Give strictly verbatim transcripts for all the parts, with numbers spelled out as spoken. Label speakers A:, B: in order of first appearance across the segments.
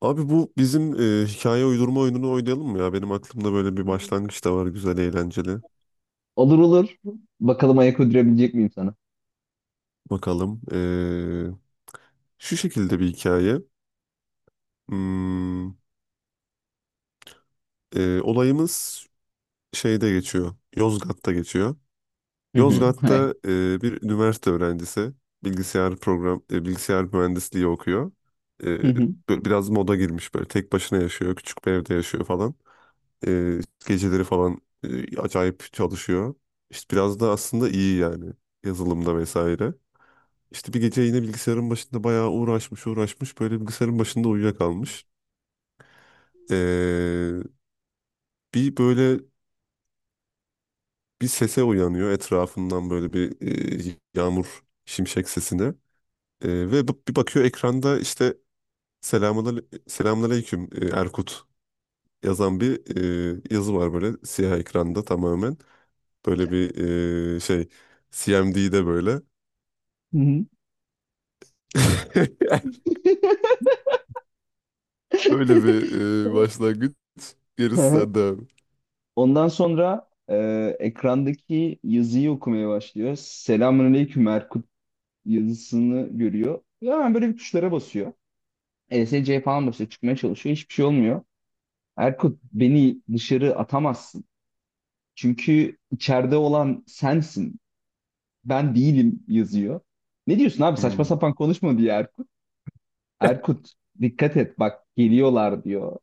A: Abi bu bizim e, hikaye uydurma oyununu oynayalım mı ya? Benim aklımda böyle bir başlangıç da var, güzel eğlenceli.
B: Olur olur. Bakalım ayak uydurabilecek miyim sana?
A: Bakalım. E, şu şekilde bir hikaye. Hmm. E, olayımız şeyde geçiyor. Yozgat'ta geçiyor.
B: Hı hı. Hayır.
A: Yozgat'ta e, bir üniversite öğrencisi, bilgisayar program e, bilgisayar mühendisliği okuyor. E,
B: Hı hı.
A: Böyle biraz moda girmiş, böyle tek başına yaşıyor, küçük bir evde yaşıyor falan. E, Geceleri falan e, acayip çalışıyor. İşte biraz da aslında iyi yani, yazılımda vesaire. İşte bir gece yine bilgisayarın başında bayağı uğraşmış uğraşmış, böyle bilgisayarın başında uyuyakalmış. Ee, Bir böyle bir sese uyanıyor etrafından, böyle bir e, yağmur şimşek sesine. Ee, ve b- bir bakıyor ekranda, işte "selamun selamünaleyküm e, Erkut" yazan bir e, yazı var böyle siyah ekranda tamamen. Böyle bir e, şey C M D'de böyle.
B: Hı hı.
A: Böyle bir e, başlangıç.
B: Hı
A: Gerisi
B: hı.
A: sende abi.
B: Ondan sonra e, ekrandaki yazıyı okumaya başlıyor. Selamünaleyküm Erkut yazısını görüyor. Ve hemen böyle bir tuşlara basıyor. E S C falan basıyor. Çıkmaya çalışıyor. Hiçbir şey olmuyor. Erkut beni dışarı atamazsın. Çünkü içeride olan sensin. Ben değilim yazıyor. Ne diyorsun abi? Saçma
A: Hmm.
B: sapan konuşma diye Erkut. Erkut dikkat et bak geliyorlar diyor.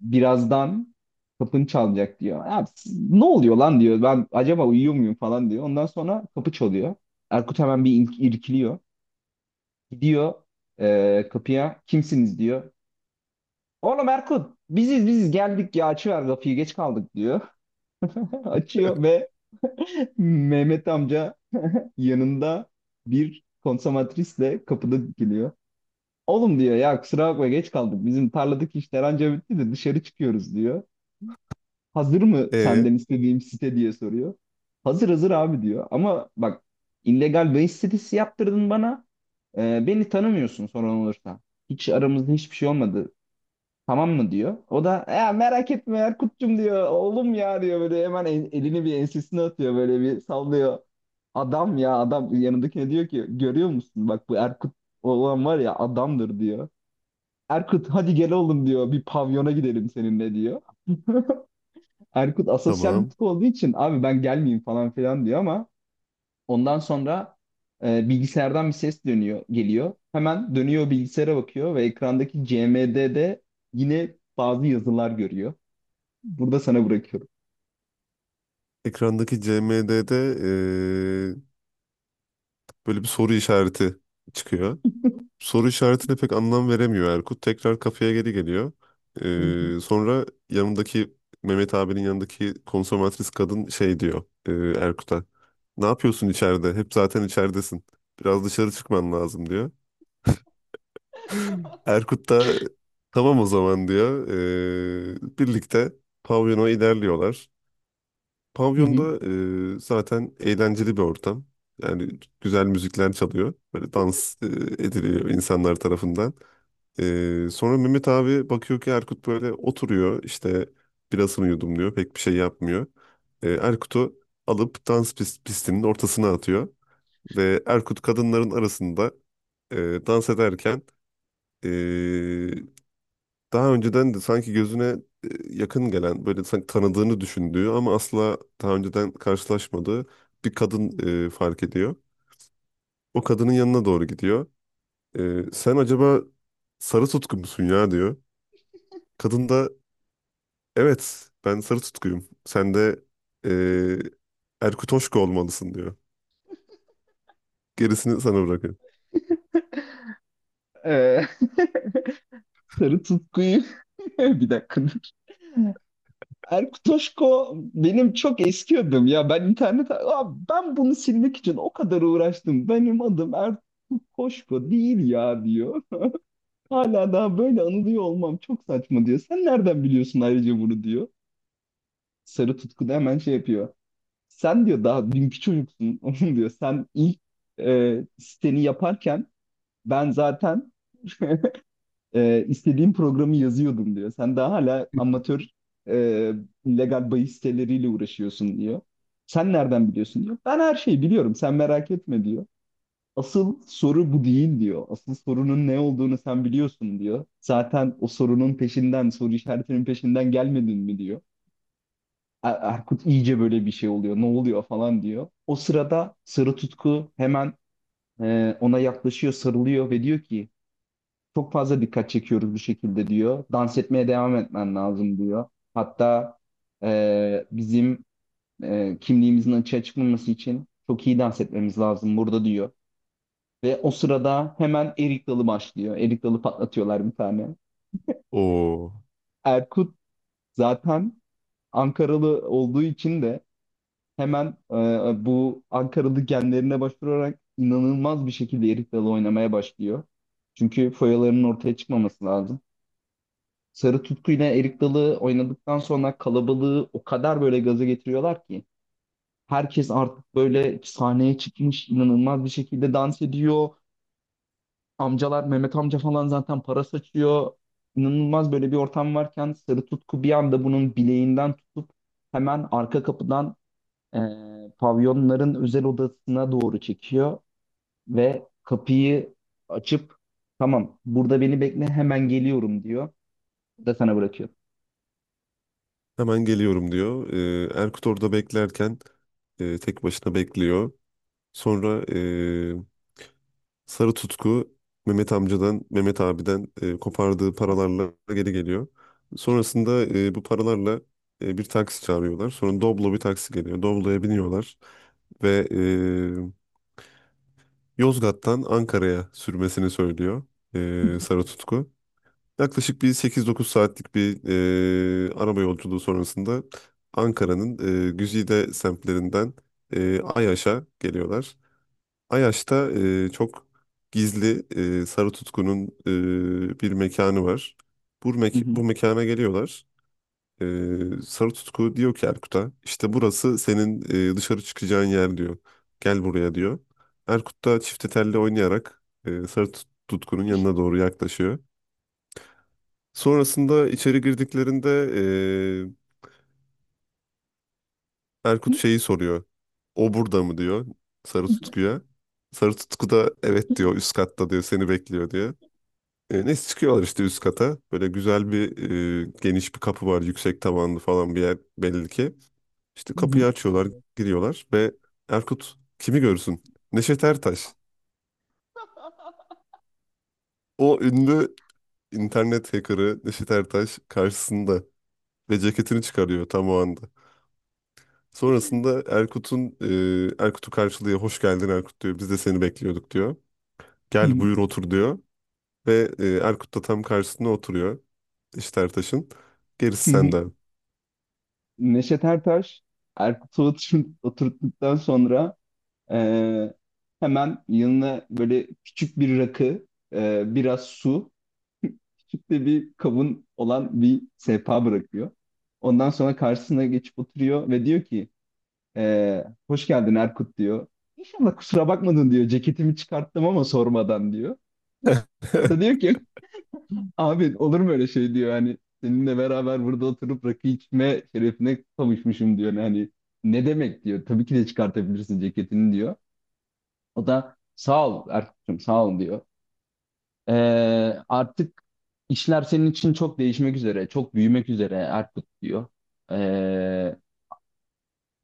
B: Birazdan kapın çalacak diyor. Ya, siz- ne oluyor lan diyor. Ben acaba uyuyor muyum falan diyor. Ondan sonra kapı çalıyor. Erkut hemen bir ilk- irkiliyor. Gidiyor e, kapıya kimsiniz diyor. Oğlum Erkut biziz biziz geldik ya açıver kapıyı geç kaldık diyor. Açıyor ve Mehmet amca yanında bir konsomatrisle kapıda dikiliyor. Oğlum diyor ya kusura bakma geç kaldık. Bizim tarladaki işler anca bitti de dışarı çıkıyoruz diyor. Hazır mı
A: E
B: senden istediğim site diye soruyor. Hazır hazır abi diyor. Ama bak illegal bahis sitesi yaptırdın bana. Ee, beni tanımıyorsun sorun olursa. Hiç aramızda hiçbir şey olmadı. Tamam mı diyor. O da ya merak etme Erkut'cum diyor. Oğlum ya diyor böyle hemen el- elini bir ensesine atıyor böyle bir sallıyor. Adam ya adam yanındakine diyor ki görüyor musun bak bu Erkut olan var ya adamdır diyor. Erkut hadi gel oğlum diyor. Bir pavyona gidelim seninle diyor. Erkut asosyal bir
A: tamam.
B: tip olduğu için abi ben gelmeyeyim falan filan diyor ama ondan sonra e, bilgisayardan bir ses dönüyor, geliyor. Hemen dönüyor bilgisayara bakıyor ve ekrandaki C M D'de yine bazı yazılar görüyor. Burada sana bırakıyorum.
A: Ekrandaki C M D'de e, böyle bir soru işareti çıkıyor. Soru işaretine pek anlam veremiyor Erkut. Tekrar kafeye geri geliyor.
B: Hı hı.
A: E, sonra yanındaki Mehmet abinin yanındaki konsomatris kadın şey diyor e, Erkut'a. Ne yapıyorsun içeride? Hep zaten içeridesin. Biraz dışarı çıkman lazım diyor. Erkut da tamam o zaman diyor. Ee, birlikte pavyona ilerliyorlar.
B: Hı hı.
A: Pavyonda e, zaten eğlenceli bir ortam. Yani güzel müzikler çalıyor. Böyle dans e, ediliyor insanlar tarafından. Ee, sonra Mehmet abi bakıyor ki Erkut böyle oturuyor, işte birasını yudumluyor. Pek bir şey yapmıyor. Ee, Erkut'u alıp dans pis- pistinin ortasına atıyor. Ve Erkut kadınların arasında e, dans ederken e, daha önceden de sanki gözüne e, yakın gelen, böyle sanki tanıdığını düşündüğü ama asla daha önceden karşılaşmadığı bir kadın e, fark ediyor. O kadının yanına doğru gidiyor. E, sen acaba Sarı Tutku musun ya diyor. Kadın da evet ben Sarı Tutku'yum. Sen de e, Erkut Hoşko olmalısın diyor. Gerisini sana bırakıyorum.
B: Ee, sarı tutkuyu bir dakika Erkut Toşko benim çok eski adım ya. Ben internet abi ben bunu silmek için o kadar uğraştım. Benim adım Erkut Toşko değil ya diyor. Hala daha böyle anılıyor olmam çok saçma diyor. Sen nereden biliyorsun ayrıca bunu diyor. Sarı Tutku da hemen şey yapıyor. Sen diyor daha dünkü çocuksun onun diyor. Sen ilk e, siteni yaparken ben zaten e, istediğim programı yazıyordum diyor. Sen daha hala amatör e, legal bahis siteleriyle uğraşıyorsun diyor. Sen nereden biliyorsun diyor. Ben her şeyi biliyorum sen merak etme diyor. Asıl soru bu değil diyor. Asıl sorunun ne olduğunu sen biliyorsun diyor. Zaten o sorunun peşinden, soru işaretinin peşinden gelmedin mi diyor. Er- Erkut iyice böyle bir şey oluyor. Ne oluyor falan diyor. O sırada Sarı Tutku hemen e, ona yaklaşıyor, sarılıyor ve diyor ki çok fazla dikkat çekiyoruz bu şekilde diyor. Dans etmeye devam etmen lazım diyor. Hatta e, bizim e, kimliğimizin açığa çıkmaması için çok iyi dans etmemiz lazım burada diyor. Ve o sırada hemen erik dalı başlıyor. Erik dalı patlatıyorlar bir tane.
A: Oo,
B: Erkut zaten Ankaralı olduğu için de hemen e, bu Ankaralı genlerine başvurarak inanılmaz bir şekilde erik dalı oynamaya başlıyor. Çünkü foyalarının ortaya çıkmaması lazım. Sarı Tutku'yla erik dalı oynadıktan sonra kalabalığı o kadar böyle gaza getiriyorlar ki herkes artık böyle sahneye çıkmış inanılmaz bir şekilde dans ediyor. Amcalar Mehmet amca falan zaten para saçıyor. İnanılmaz böyle bir ortam varken Sarı Tutku bir anda bunun bileğinden tutup hemen arka kapıdan eee, pavyonların özel odasına doğru çekiyor ve kapıyı açıp tamam burada beni bekle hemen geliyorum diyor. Da sana bırakıyor.
A: hemen geliyorum diyor. E, Erkut orada beklerken e, tek başına bekliyor. Sonra e, Sarı Tutku Mehmet amcadan, Mehmet abiden e, kopardığı paralarla geri geliyor. Sonrasında e, bu paralarla e, bir taksi çağırıyorlar. Sonra Doblo bir taksi geliyor. Doblo'ya biniyorlar ve e, Yozgat'tan Ankara'ya sürmesini söylüyor e, Sarı Tutku. Yaklaşık bir sekiz dokuz saatlik bir e, araba yolculuğu sonrasında Ankara'nın e, güzide semtlerinden e, Ayaş'a geliyorlar. Ayaş'ta e, çok gizli e, Sarı Tutku'nun e, bir mekanı var. Bu,
B: Hı
A: mek
B: hı.
A: bu mekana geliyorlar. E, Sarı Tutku diyor ki Erkut'a, işte burası senin e, dışarı çıkacağın yer diyor. Gel buraya diyor. Erkut da çifte telli oynayarak e, Sarı Tut- Tutku'nun yanına doğru yaklaşıyor. Sonrasında içeri girdiklerinde e, Erkut şeyi soruyor. O burada mı diyor Sarı Tutku'ya. Sarı Tutku da evet diyor, üst katta diyor, seni bekliyor diyor. E, neyse çıkıyorlar işte üst kata. Böyle güzel bir e, geniş bir kapı var. Yüksek tavanlı falan bir yer belli ki. İşte
B: Hı hı.
A: kapıyı açıyorlar,
B: Hı
A: giriyorlar ve Erkut kimi görsün? Neşet Ertaş. O ünlü internet hackerı Neşet Ertaş karşısında ve ceketini çıkarıyor tam o anda. Sonrasında Erkut'un e, Erkut'u karşılıyor. Hoş geldin Erkut diyor. Biz de seni bekliyorduk diyor. Gel
B: hı.
A: buyur otur diyor. Ve e, Erkut da tam karşısına oturuyor, Neşet Ertaş'ın. Gerisi
B: Hı hı.
A: senden.
B: Neşet Ertaş Erkut'u otur- oturttuktan sonra eee, hemen yanına böyle küçük bir rakı, eee, biraz su, küçük de bir kabın olan bir sehpa bırakıyor. Ondan sonra karşısına geçip oturuyor ve diyor ki eee, hoş geldin Erkut diyor. İnşallah kusura bakmadın diyor. Ceketimi çıkarttım ama sormadan diyor. O da diyor ki abi olur mu öyle şey diyor hani seninle beraber burada oturup rakı içme şerefine kavuşmuşum diyor. Hani ne demek diyor. Tabii ki de çıkartabilirsin ceketini diyor. O da sağ ol Erkut'cum sağ ol diyor. Ee, artık işler senin için çok değişmek üzere, çok büyümek üzere Erkut diyor. Ee,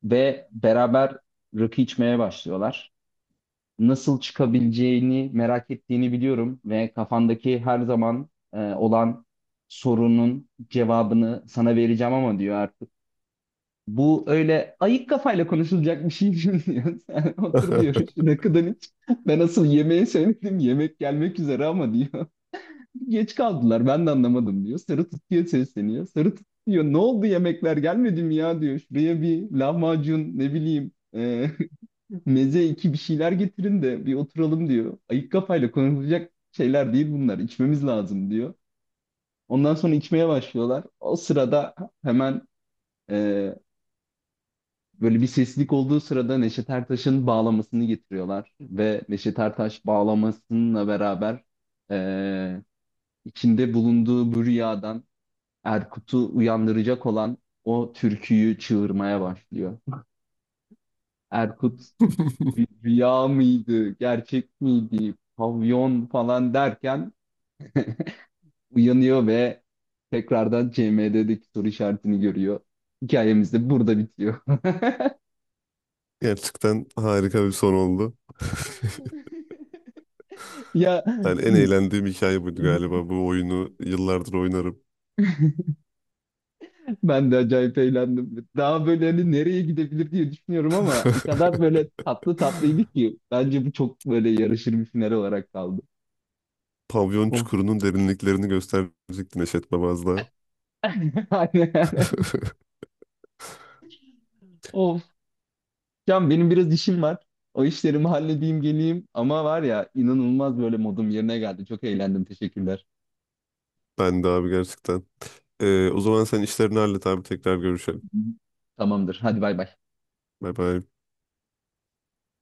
B: Ve beraber rakı içmeye başlıyorlar. Nasıl çıkabileceğini merak ettiğini biliyorum ve kafandaki her zaman e, olan sorunun cevabını sana vereceğim ama diyor artık. Bu öyle ayık kafayla konuşulacak bir şey değil diyor. Sen otur diyor şuna kadar hiç. Ben asıl yemeği söyledim. Yemek gelmek üzere ama diyor. Geç kaldılar ben de anlamadım diyor. Sarı tutuyor sesleniyor. Sarı tutuyor. Ne oldu yemekler gelmedi mi ya diyor. Şuraya bir lahmacun ne bileyim e, meze iki bir şeyler getirin de bir oturalım diyor. Ayık kafayla konuşulacak şeyler değil bunlar. İçmemiz lazım diyor. Ondan sonra içmeye başlıyorlar. O sırada hemen e, böyle bir seslilik olduğu sırada Neşet Ertaş'ın bağlamasını getiriyorlar. Ve Neşet Ertaş bağlamasıyla beraber e, içinde bulunduğu bu rüyadan Erkut'u uyandıracak olan o türküyü çığırmaya başlıyor. Erkut bir rüya mıydı, gerçek miydi, pavyon falan derken uyanıyor ve tekrardan C M D'deki soru işaretini görüyor. Hikayemiz de burada bitiyor.
A: Gerçekten harika bir son oldu.
B: Ya
A: Yani en eğlendiğim hikaye buydu galiba. Bu oyunu yıllardır oynarım.
B: ben de acayip eğlendim. Daha böyle hani nereye gidebilir diye düşünüyorum ama o kadar böyle tatlı tatlıydı ki bence bu çok böyle yarışır bir final olarak kaldı.
A: Pavyon
B: Of.
A: çukurunun derinliklerini gösterecektin Neşet Babaz'la.
B: Aynen. Of. Can benim biraz işim var. O işlerimi halledeyim geleyim. Ama var ya inanılmaz böyle modum yerine geldi. Çok eğlendim. Teşekkürler.
A: Ben de abi, gerçekten. Ee, o zaman sen işlerini hallet abi, tekrar görüşelim.
B: Tamamdır. Hadi bay bay.
A: Bay bay.